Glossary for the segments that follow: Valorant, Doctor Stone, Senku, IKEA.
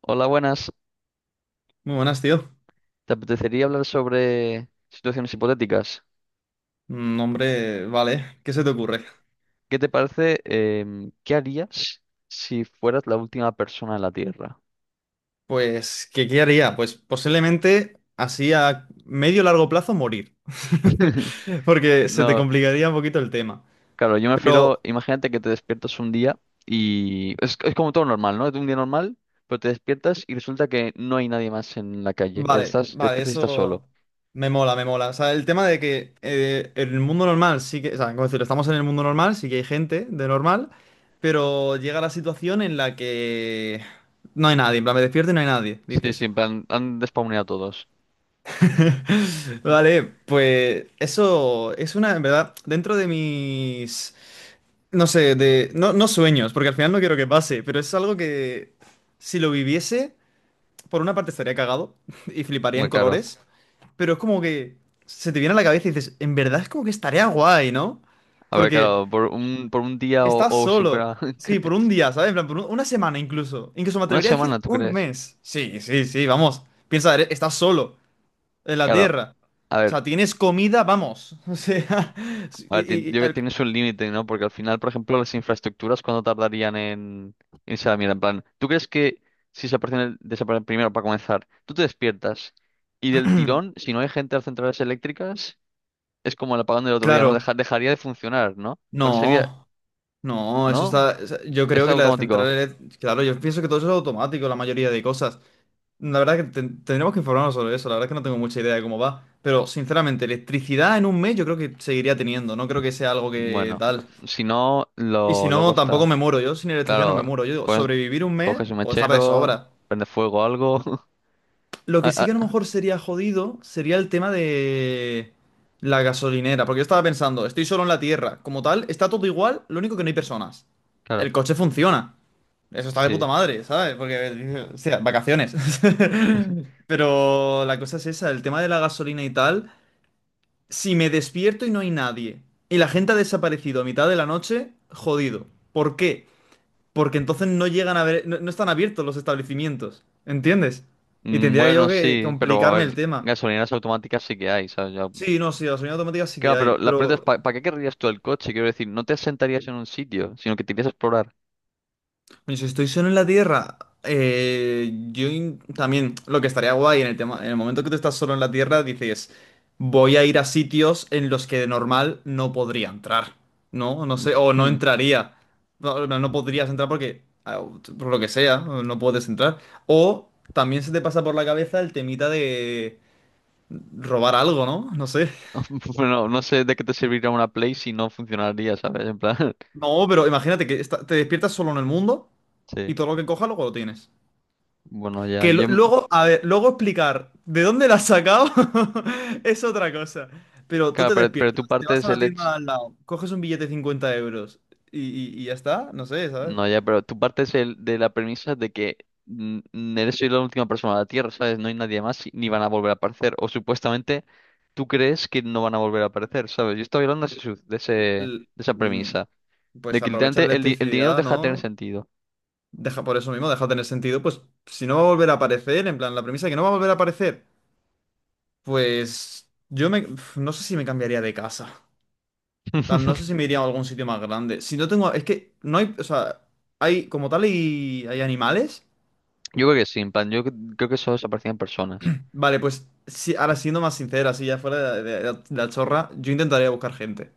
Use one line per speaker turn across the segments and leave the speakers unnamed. Hola, buenas.
Muy buenas, tío.
¿Te apetecería hablar sobre situaciones hipotéticas?
Hombre, vale, ¿qué se te ocurre?
¿Qué te parece? ¿Qué harías si fueras la última persona en la Tierra?
Pues, ¿qué haría? Pues posiblemente así a medio largo plazo morir. Porque se te
No,
complicaría un poquito el tema.
claro, yo me
Pero
refiero, imagínate que te despiertas un día y es como todo normal, ¿no? Es un día normal, pero te despiertas y resulta que no hay nadie más en la calle.
vale,
Estás, te
vale,
despiertas y estás solo.
eso me mola, me mola. O sea, el tema de que el mundo normal sí que, o sea, como decirlo, estamos en el mundo normal, sí que hay gente de normal, pero llega la situación en la que no hay nadie. En plan, me despierto y no hay nadie,
Sí, sí,
dices.
en plan, han despawneado a todos.
Vale, pues eso es una, en verdad, dentro de mis, no sé, de, no, no sueños, porque al final no quiero que pase, pero es algo que si lo viviese, por una parte estaría cagado y fliparía
Muy
en
claro.
colores, pero es como que se te viene a la cabeza y dices, en verdad es como que estaría guay, ¿no?
A ver,
Porque
claro, por un día
estás
o si
solo,
fuera
sí, por un día, ¿sabes? En plan, una semana incluso, incluso me
una
atrevería a decir
semana, ¿tú
un
crees?
mes. Sí, sí, sí, vamos, piensa, estás solo en la
Claro.
Tierra.
A
O
ver,
sea, tienes comida, vamos. O sea, sí,
Yo creo que tienes un límite, ¿no? Porque al final, por ejemplo, las infraestructuras, ¿cuándo tardarían en irse a la mierda? En plan, ¿tú crees que si desaparecen primero para comenzar, tú te despiertas y del tirón, si no hay gente a las centrales eléctricas, es como el apagón del otro día, ¿no?
claro,
Dejaría de funcionar, ¿no? Pero sería,
no, no, eso
¿no?
está. O sea, yo
¿Es
creo que las
automático?
centrales, claro, yo pienso que todo eso es automático, la mayoría de cosas. La verdad que tendremos que informarnos sobre eso, la verdad es que no tengo mucha idea de cómo va. Pero sinceramente, electricidad en un mes yo creo que seguiría teniendo, no creo que sea algo que
Bueno,
tal.
si no,
Y si
lo luego
no, tampoco
está.
me muero, yo sin electricidad no me
Claro,
muero. Yo digo,
pues
sobrevivir un mes,
coges un
puedo estar de
mechero,
sobra.
prende fuego algo.
Lo que
Ah,
sí que a lo
ah,
mejor sería jodido sería el tema de la gasolinera, porque yo estaba pensando, estoy solo en la Tierra, como tal, está todo igual, lo único que no hay personas.
claro,
El coche funciona. Eso está de puta
sí.
madre, ¿sabes? Porque, o sea, vacaciones. Pero la cosa es esa, el tema de la gasolina y tal, si me despierto y no hay nadie, y la gente ha desaparecido a mitad de la noche, jodido. ¿Por qué? Porque entonces no llegan a ver, no, no están abiertos los establecimientos, ¿entiendes? Y tendría yo
Bueno,
que
sí, pero a
complicarme el
ver,
tema.
gasolineras automáticas sí que hay, ¿sabes? Ya-
Sí, no, sí, la gasolina automática sí que
Claro,
hay,
pero la pregunta es,
pero
¿para qué querrías tú el coche? Quiero decir, no te sentarías en un sitio, sino que te irías a explorar.
coño, si estoy solo en la Tierra, también lo que estaría guay en el tema, en el momento que tú estás solo en la Tierra, dices, voy a ir a sitios en los que de normal no podría entrar, ¿no? No sé, o no
Hmm.
entraría. No, no, no podrías entrar porque, por lo que sea, no puedes entrar. O también se te pasa por la cabeza el temita de robar algo, ¿no? No sé.
Bueno, no sé de qué te serviría una Play si no funcionaría, ¿sabes? En plan,
No, pero imagínate que te despiertas solo en el mundo
sí.
y todo lo que cojas luego lo tienes.
Bueno, ya,
Que
yo, m-
luego, a ver, luego explicar de dónde la has sacado es otra cosa. Pero tú
claro,
te
pero
despiertas,
tu
te
parte
vas
es
a la
el
tienda
hecho,
de al lado, coges un billete de 50 euros y ya está, no sé, ¿sabes?
no, ya, pero tu parte es el de la premisa de que eres la última persona de la Tierra, ¿sabes? No hay nadie más y ni van a volver a aparecer, o supuestamente tú crees que no van a volver a aparecer, ¿sabes? Yo estaba hablando de, ese, su- de ese- de
L-
esa
mm,
premisa, de
Pues
que
aprovecha la
literalmente el dinero
electricidad,
deja de tener
¿no?
sentido.
Deja por eso mismo, deja de tener sentido. Pues si no va a volver a aparecer, en plan, la premisa de que no va a volver a aparecer, pues yo me, no sé si me cambiaría de casa. Tal, no sé si me iría a algún sitio más grande. Si no tengo. Es que no hay. O sea, hay como tal y hay animales.
Yo creo que sí, en plan, creo que solo desaparecían personas.
Vale, pues si, ahora siendo más sincera, así ya fuera de, de la chorra, yo intentaría buscar gente.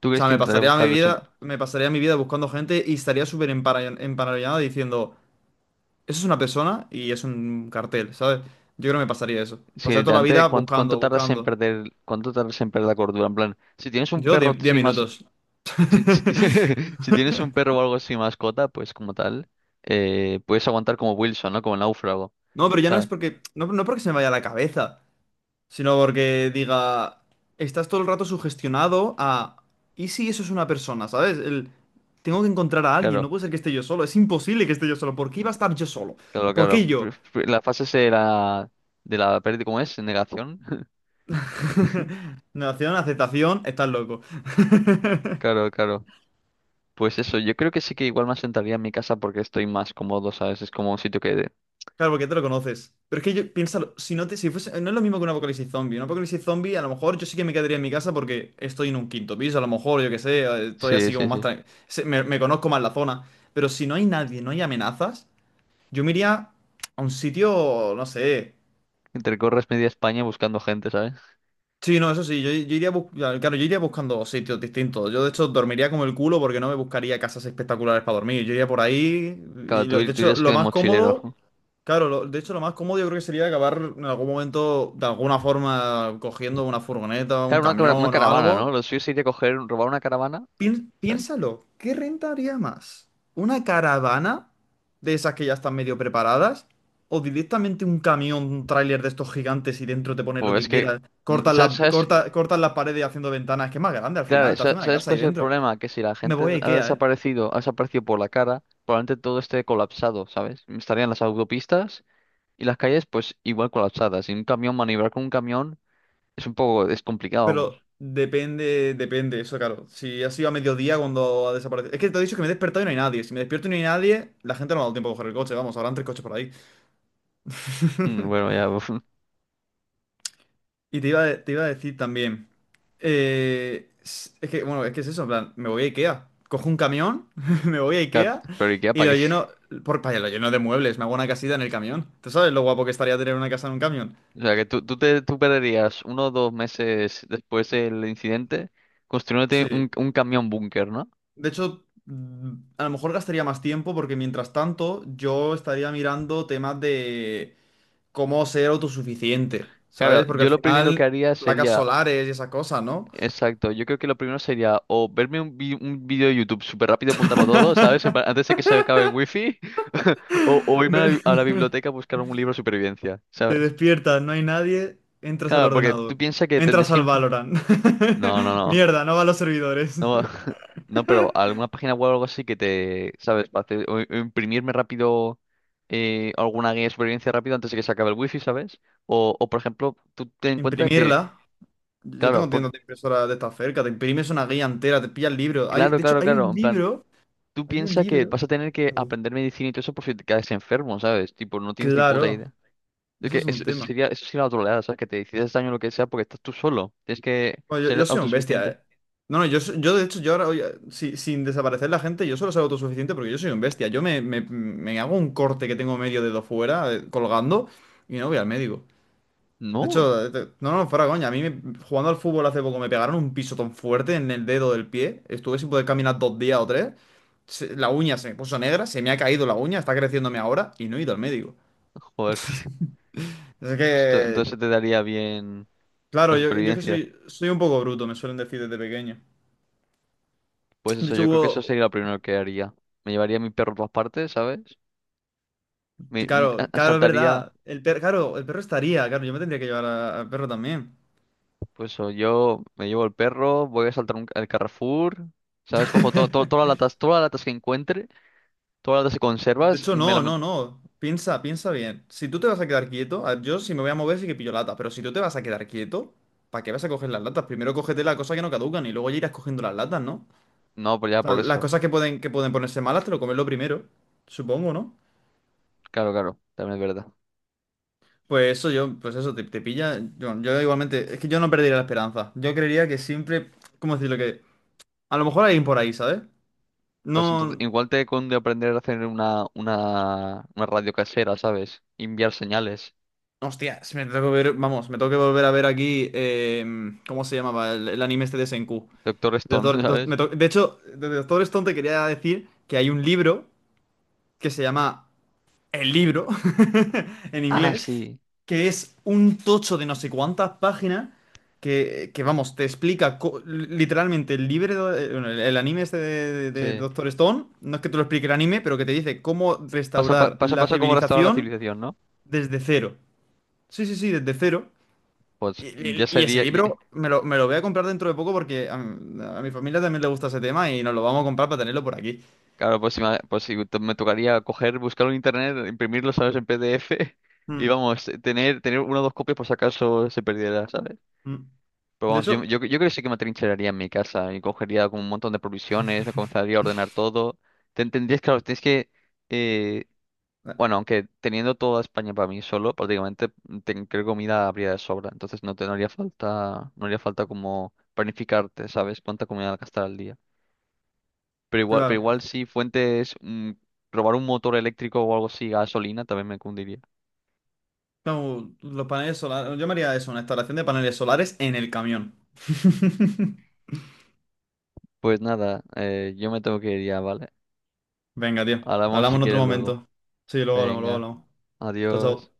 ¿Tú
O
crees
sea,
que
me
intentaré
pasaría mi
buscar su...
vida, me pasaría mi vida buscando gente y estaría súper emparanoiado diciendo, eso es una persona y es un cartel, ¿sabes? Yo creo que me pasaría eso.
Si
Pasaría toda la vida
literalmente,
buscando, buscando.
¿cuánto tardas en perder la cordura? En plan, si tienes un
Yo
perro
10
así más,
minutos.
si, si ti- si tienes un perro o algo así mascota, pues como tal, puedes aguantar como Wilson, ¿no? Como el náufrago,
No, pero ya no es
¿sabes?
porque. No, no porque se me vaya la cabeza. Sino porque diga, estás todo el rato sugestionado a, ¿y si eso es una persona? ¿Sabes? El, tengo que encontrar a alguien, no
Claro.
puede ser que esté yo solo, es imposible que esté yo solo, ¿por qué iba a estar yo solo?
Claro,
¿Por qué
claro.
yo?
La fase será de la pérdida, ¿cómo es? Negación.
Negación, aceptación, estás loco.
Claro, claro. Pues eso, yo creo que sí que igual me asentaría en mi casa porque estoy más cómodo, ¿sabes? Es como un sitio que...
Claro, porque te lo conoces. Pero es que yo, piénsalo, si no te, si fuese, no es lo mismo que un apocalipsis zombie. Un apocalipsis zombie, a lo mejor yo sí que me quedaría en mi casa porque estoy en un quinto piso, a lo mejor, yo qué sé, estoy
Sí,
así como
sí,
más
sí.
tranquilo. Me conozco más la zona. Pero si no hay nadie, no hay amenazas. Yo me iría a un sitio, no sé.
Intercorres media España buscando gente, ¿sabes?
Sí, no, eso sí, yo, iría claro, yo iría buscando sitios distintos. Yo de hecho dormiría como el culo porque no me buscaría casas espectaculares para dormir. Yo iría por ahí
Claro,
y de
tú
hecho
irías que
lo
de
más
mochilero.
cómodo, claro, de hecho lo más cómodo yo creo que sería acabar en algún momento de alguna forma cogiendo una furgoneta, un
Claro, una
camión o
caravana, ¿no?
algo.
Lo suyo sería coger, robar una caravana,
Pién-
¿sabes?
piénsalo, ¿qué rentaría más? ¿Una caravana de esas que ya están medio preparadas? ¿O directamente un camión, un tráiler de estos gigantes y dentro te pones lo
Pues es
que
que...
quieras? Cortas la
¿Sabes?
corta, cortas las paredes haciendo ventanas, que es más grande al
Claro,
final, te hace una
¿sabes
casa
cuál
ahí
es el
dentro.
problema? Que si la
Me
gente
voy a IKEA, ¿eh?
ha desaparecido por la cara, probablemente todo esté colapsado, ¿sabes? Estarían las autopistas. Y las calles, pues igual colapsadas. Y un camión, maniobrar con un camión es complicado,
Pero
vamos.
depende, depende, eso claro. Si ha sido a mediodía cuando ha desaparecido. Es que te he dicho que me he despertado y no hay nadie. Si me despierto y no hay nadie, la gente no me ha dado tiempo a coger el coche, vamos, habrán tres coches por ahí.
Bueno, ya,
Y te iba a decir también, es que, bueno, es que es eso, en plan, me voy a IKEA, cojo un camión, me voy a
ya,
IKEA
pero ¿y qué?
y
¿Para
lo
qué?
lleno, por, vaya, lo lleno de muebles, me hago una casita en el camión. ¿Tú sabes lo guapo que estaría tener una casa en un camión?
O sea, que tú perderías uno o dos meses después del incidente construyéndote
Sí.
un camión búnker, ¿no?
De hecho, a lo mejor gastaría más tiempo porque mientras tanto yo estaría mirando temas de cómo ser autosuficiente,
Claro,
¿sabes? Porque al
yo lo primero que
final,
haría
placas
sería,
solares y esas cosas, ¿no?
exacto, yo creo que lo primero sería o un vídeo de YouTube súper rápido, apuntarlo todo, ¿sabes? En plan, antes de que se acabe el wifi, o irme a a la
Me-
biblioteca a buscar un libro de supervivencia,
Te
¿sabes?
despiertas, no hay nadie, entras al
Claro, porque tú
ordenador.
piensas que
Entras
tendrías que
al Valorant.
no, no, no.
Mierda, no va a los servidores.
No, no, pero alguna página web o algo así que te, ¿sabes? Para o imprimirme rápido alguna guía de supervivencia rápido antes de que se acabe el wifi, ¿sabes? O por ejemplo, tú ten en cuenta que,
Imprimirla. Yo
claro,
tengo
porque,
tiendas de impresora de esta cerca. Te imprimes una guía entera, te pillas el libro. Hay,
claro,
de hecho,
claro,
hay
claro,
un
en plan,
libro.
tú
Hay un
piensas que
libro.
vas a tener que aprender medicina y todo eso por si te caes enfermo, ¿sabes? Tipo, no tienes ni puta
Claro,
idea. Es
eso
que
es un tema.
eso sería la troleada, ¿sabes? Que te decides daño lo que sea porque estás tú solo. Tienes que
Bueno, yo,
ser
yo soy un bestia,
autosuficiente.
eh. No, no, yo, yo de hecho, yo ahora, hoy, sin desaparecer la gente, yo solo soy autosuficiente porque yo soy un bestia. Yo me hago un corte que tengo medio dedo fuera, colgando, y no voy al médico. De
No,
hecho, no, no, fuera coña. A mí jugando al fútbol hace poco me pegaron un piso tan fuerte en el dedo del pie. Estuve sin poder caminar 2 días o tres. La uña se me puso negra, se me ha caído la uña, está creciéndome ahora y no he ido al médico.
joder, tío.
Es
Pues
que,
entonces te daría bien. La
claro, yo, es que
supervivencia.
soy un poco bruto, me suelen decir desde pequeño.
Pues
De
eso,
hecho,
yo creo que
hubo,
eso sería lo primero que haría. Me llevaría a mi perro a todas partes, ¿sabes?
claro, claro, es
Saltaría,
verdad. El perro, claro, el perro estaría, claro, yo me tendría que llevar al perro también.
pues eso, yo me llevo el perro, voy a saltar el Carrefour, ¿sabes? Cojo todas las latas que encuentre, todas las latas que
De
conservas,
hecho, no, no, no. Piensa, piensa bien. Si tú te vas a quedar quieto, a ver, yo si me voy a mover sí que pillo latas, pero si tú te vas a quedar quieto, ¿para qué vas a coger las latas? Primero cógete las cosas que no caducan y luego ya irás cogiendo las latas, ¿no?
no, pues ya
O sea,
por
las
eso.
cosas que pueden ponerse malas te lo comes lo primero, supongo, ¿no?
Claro, claro, también es verdad.
Pues eso yo, pues eso, te pilla. Yo igualmente, es que yo no perdería la esperanza. Yo creería que siempre, ¿cómo decirlo? Que a lo mejor hay alguien por ahí, ¿sabes?
Pues entonces,
No.
igual te conde aprender a hacer una radio casera, ¿sabes? Enviar señales.
Hostia, si me tengo que ver, vamos, me tengo que volver a ver aquí, ¿cómo se llamaba? El anime este de Senku.
Doctor
De,
Stone,
Doctor- Doc- me
¿sabes?
to- De hecho, de Doctor Stone te quería decir que hay un libro que se llama El libro en
Ah,
inglés,
sí,
que es un tocho de no sé cuántas páginas que, vamos, te explica literalmente el libro, bueno, el anime este de, de
sí.
Doctor Stone, no es que te lo explique el anime, pero que te dice cómo restaurar
Pasa,
la
pasa como restaurar la
civilización
civilización, ¿no?
desde cero. Sí, sí, sí, desde cero.
Pues
Y,
ya
y- y ese
sería,
libro me lo voy a comprar dentro de poco porque a mi familia también le gusta ese tema y nos lo vamos a comprar para tenerlo por aquí.
claro, pues, si me pues si to- me tocaría coger, buscarlo en internet, imprimirlo, ¿sabes? En PDF y
Mm,
vamos, tener una o dos copias por si acaso se perdiera, ¿sabes?
mm.
Pero
De
vamos,
hecho,
yo creo que sí que me atrincheraría en mi casa y cogería como un montón de provisiones, me comenzaría a ordenar todo. Te entendías, claro, tienes que, eh,
eh,
bueno, aunque teniendo toda España para mí solo, prácticamente creo que comida habría de sobra, entonces no haría falta, no haría falta como planificarte, ¿sabes? Cuánta comida gastar al día. Pero
claro,
igual si fuentes, robar un motor eléctrico o algo así, gasolina, también me cundiría.
como los paneles solares, yo me haría eso, una instalación de paneles solares en el camión.
Pues nada, yo me tengo que ir ya, ¿vale?
Venga, tío,
Hablamos
hablamos
si
en otro
quieres luego.
momento. Sí, luego hablamos, luego
Venga,
hablamos. Chao,
adiós.
chao.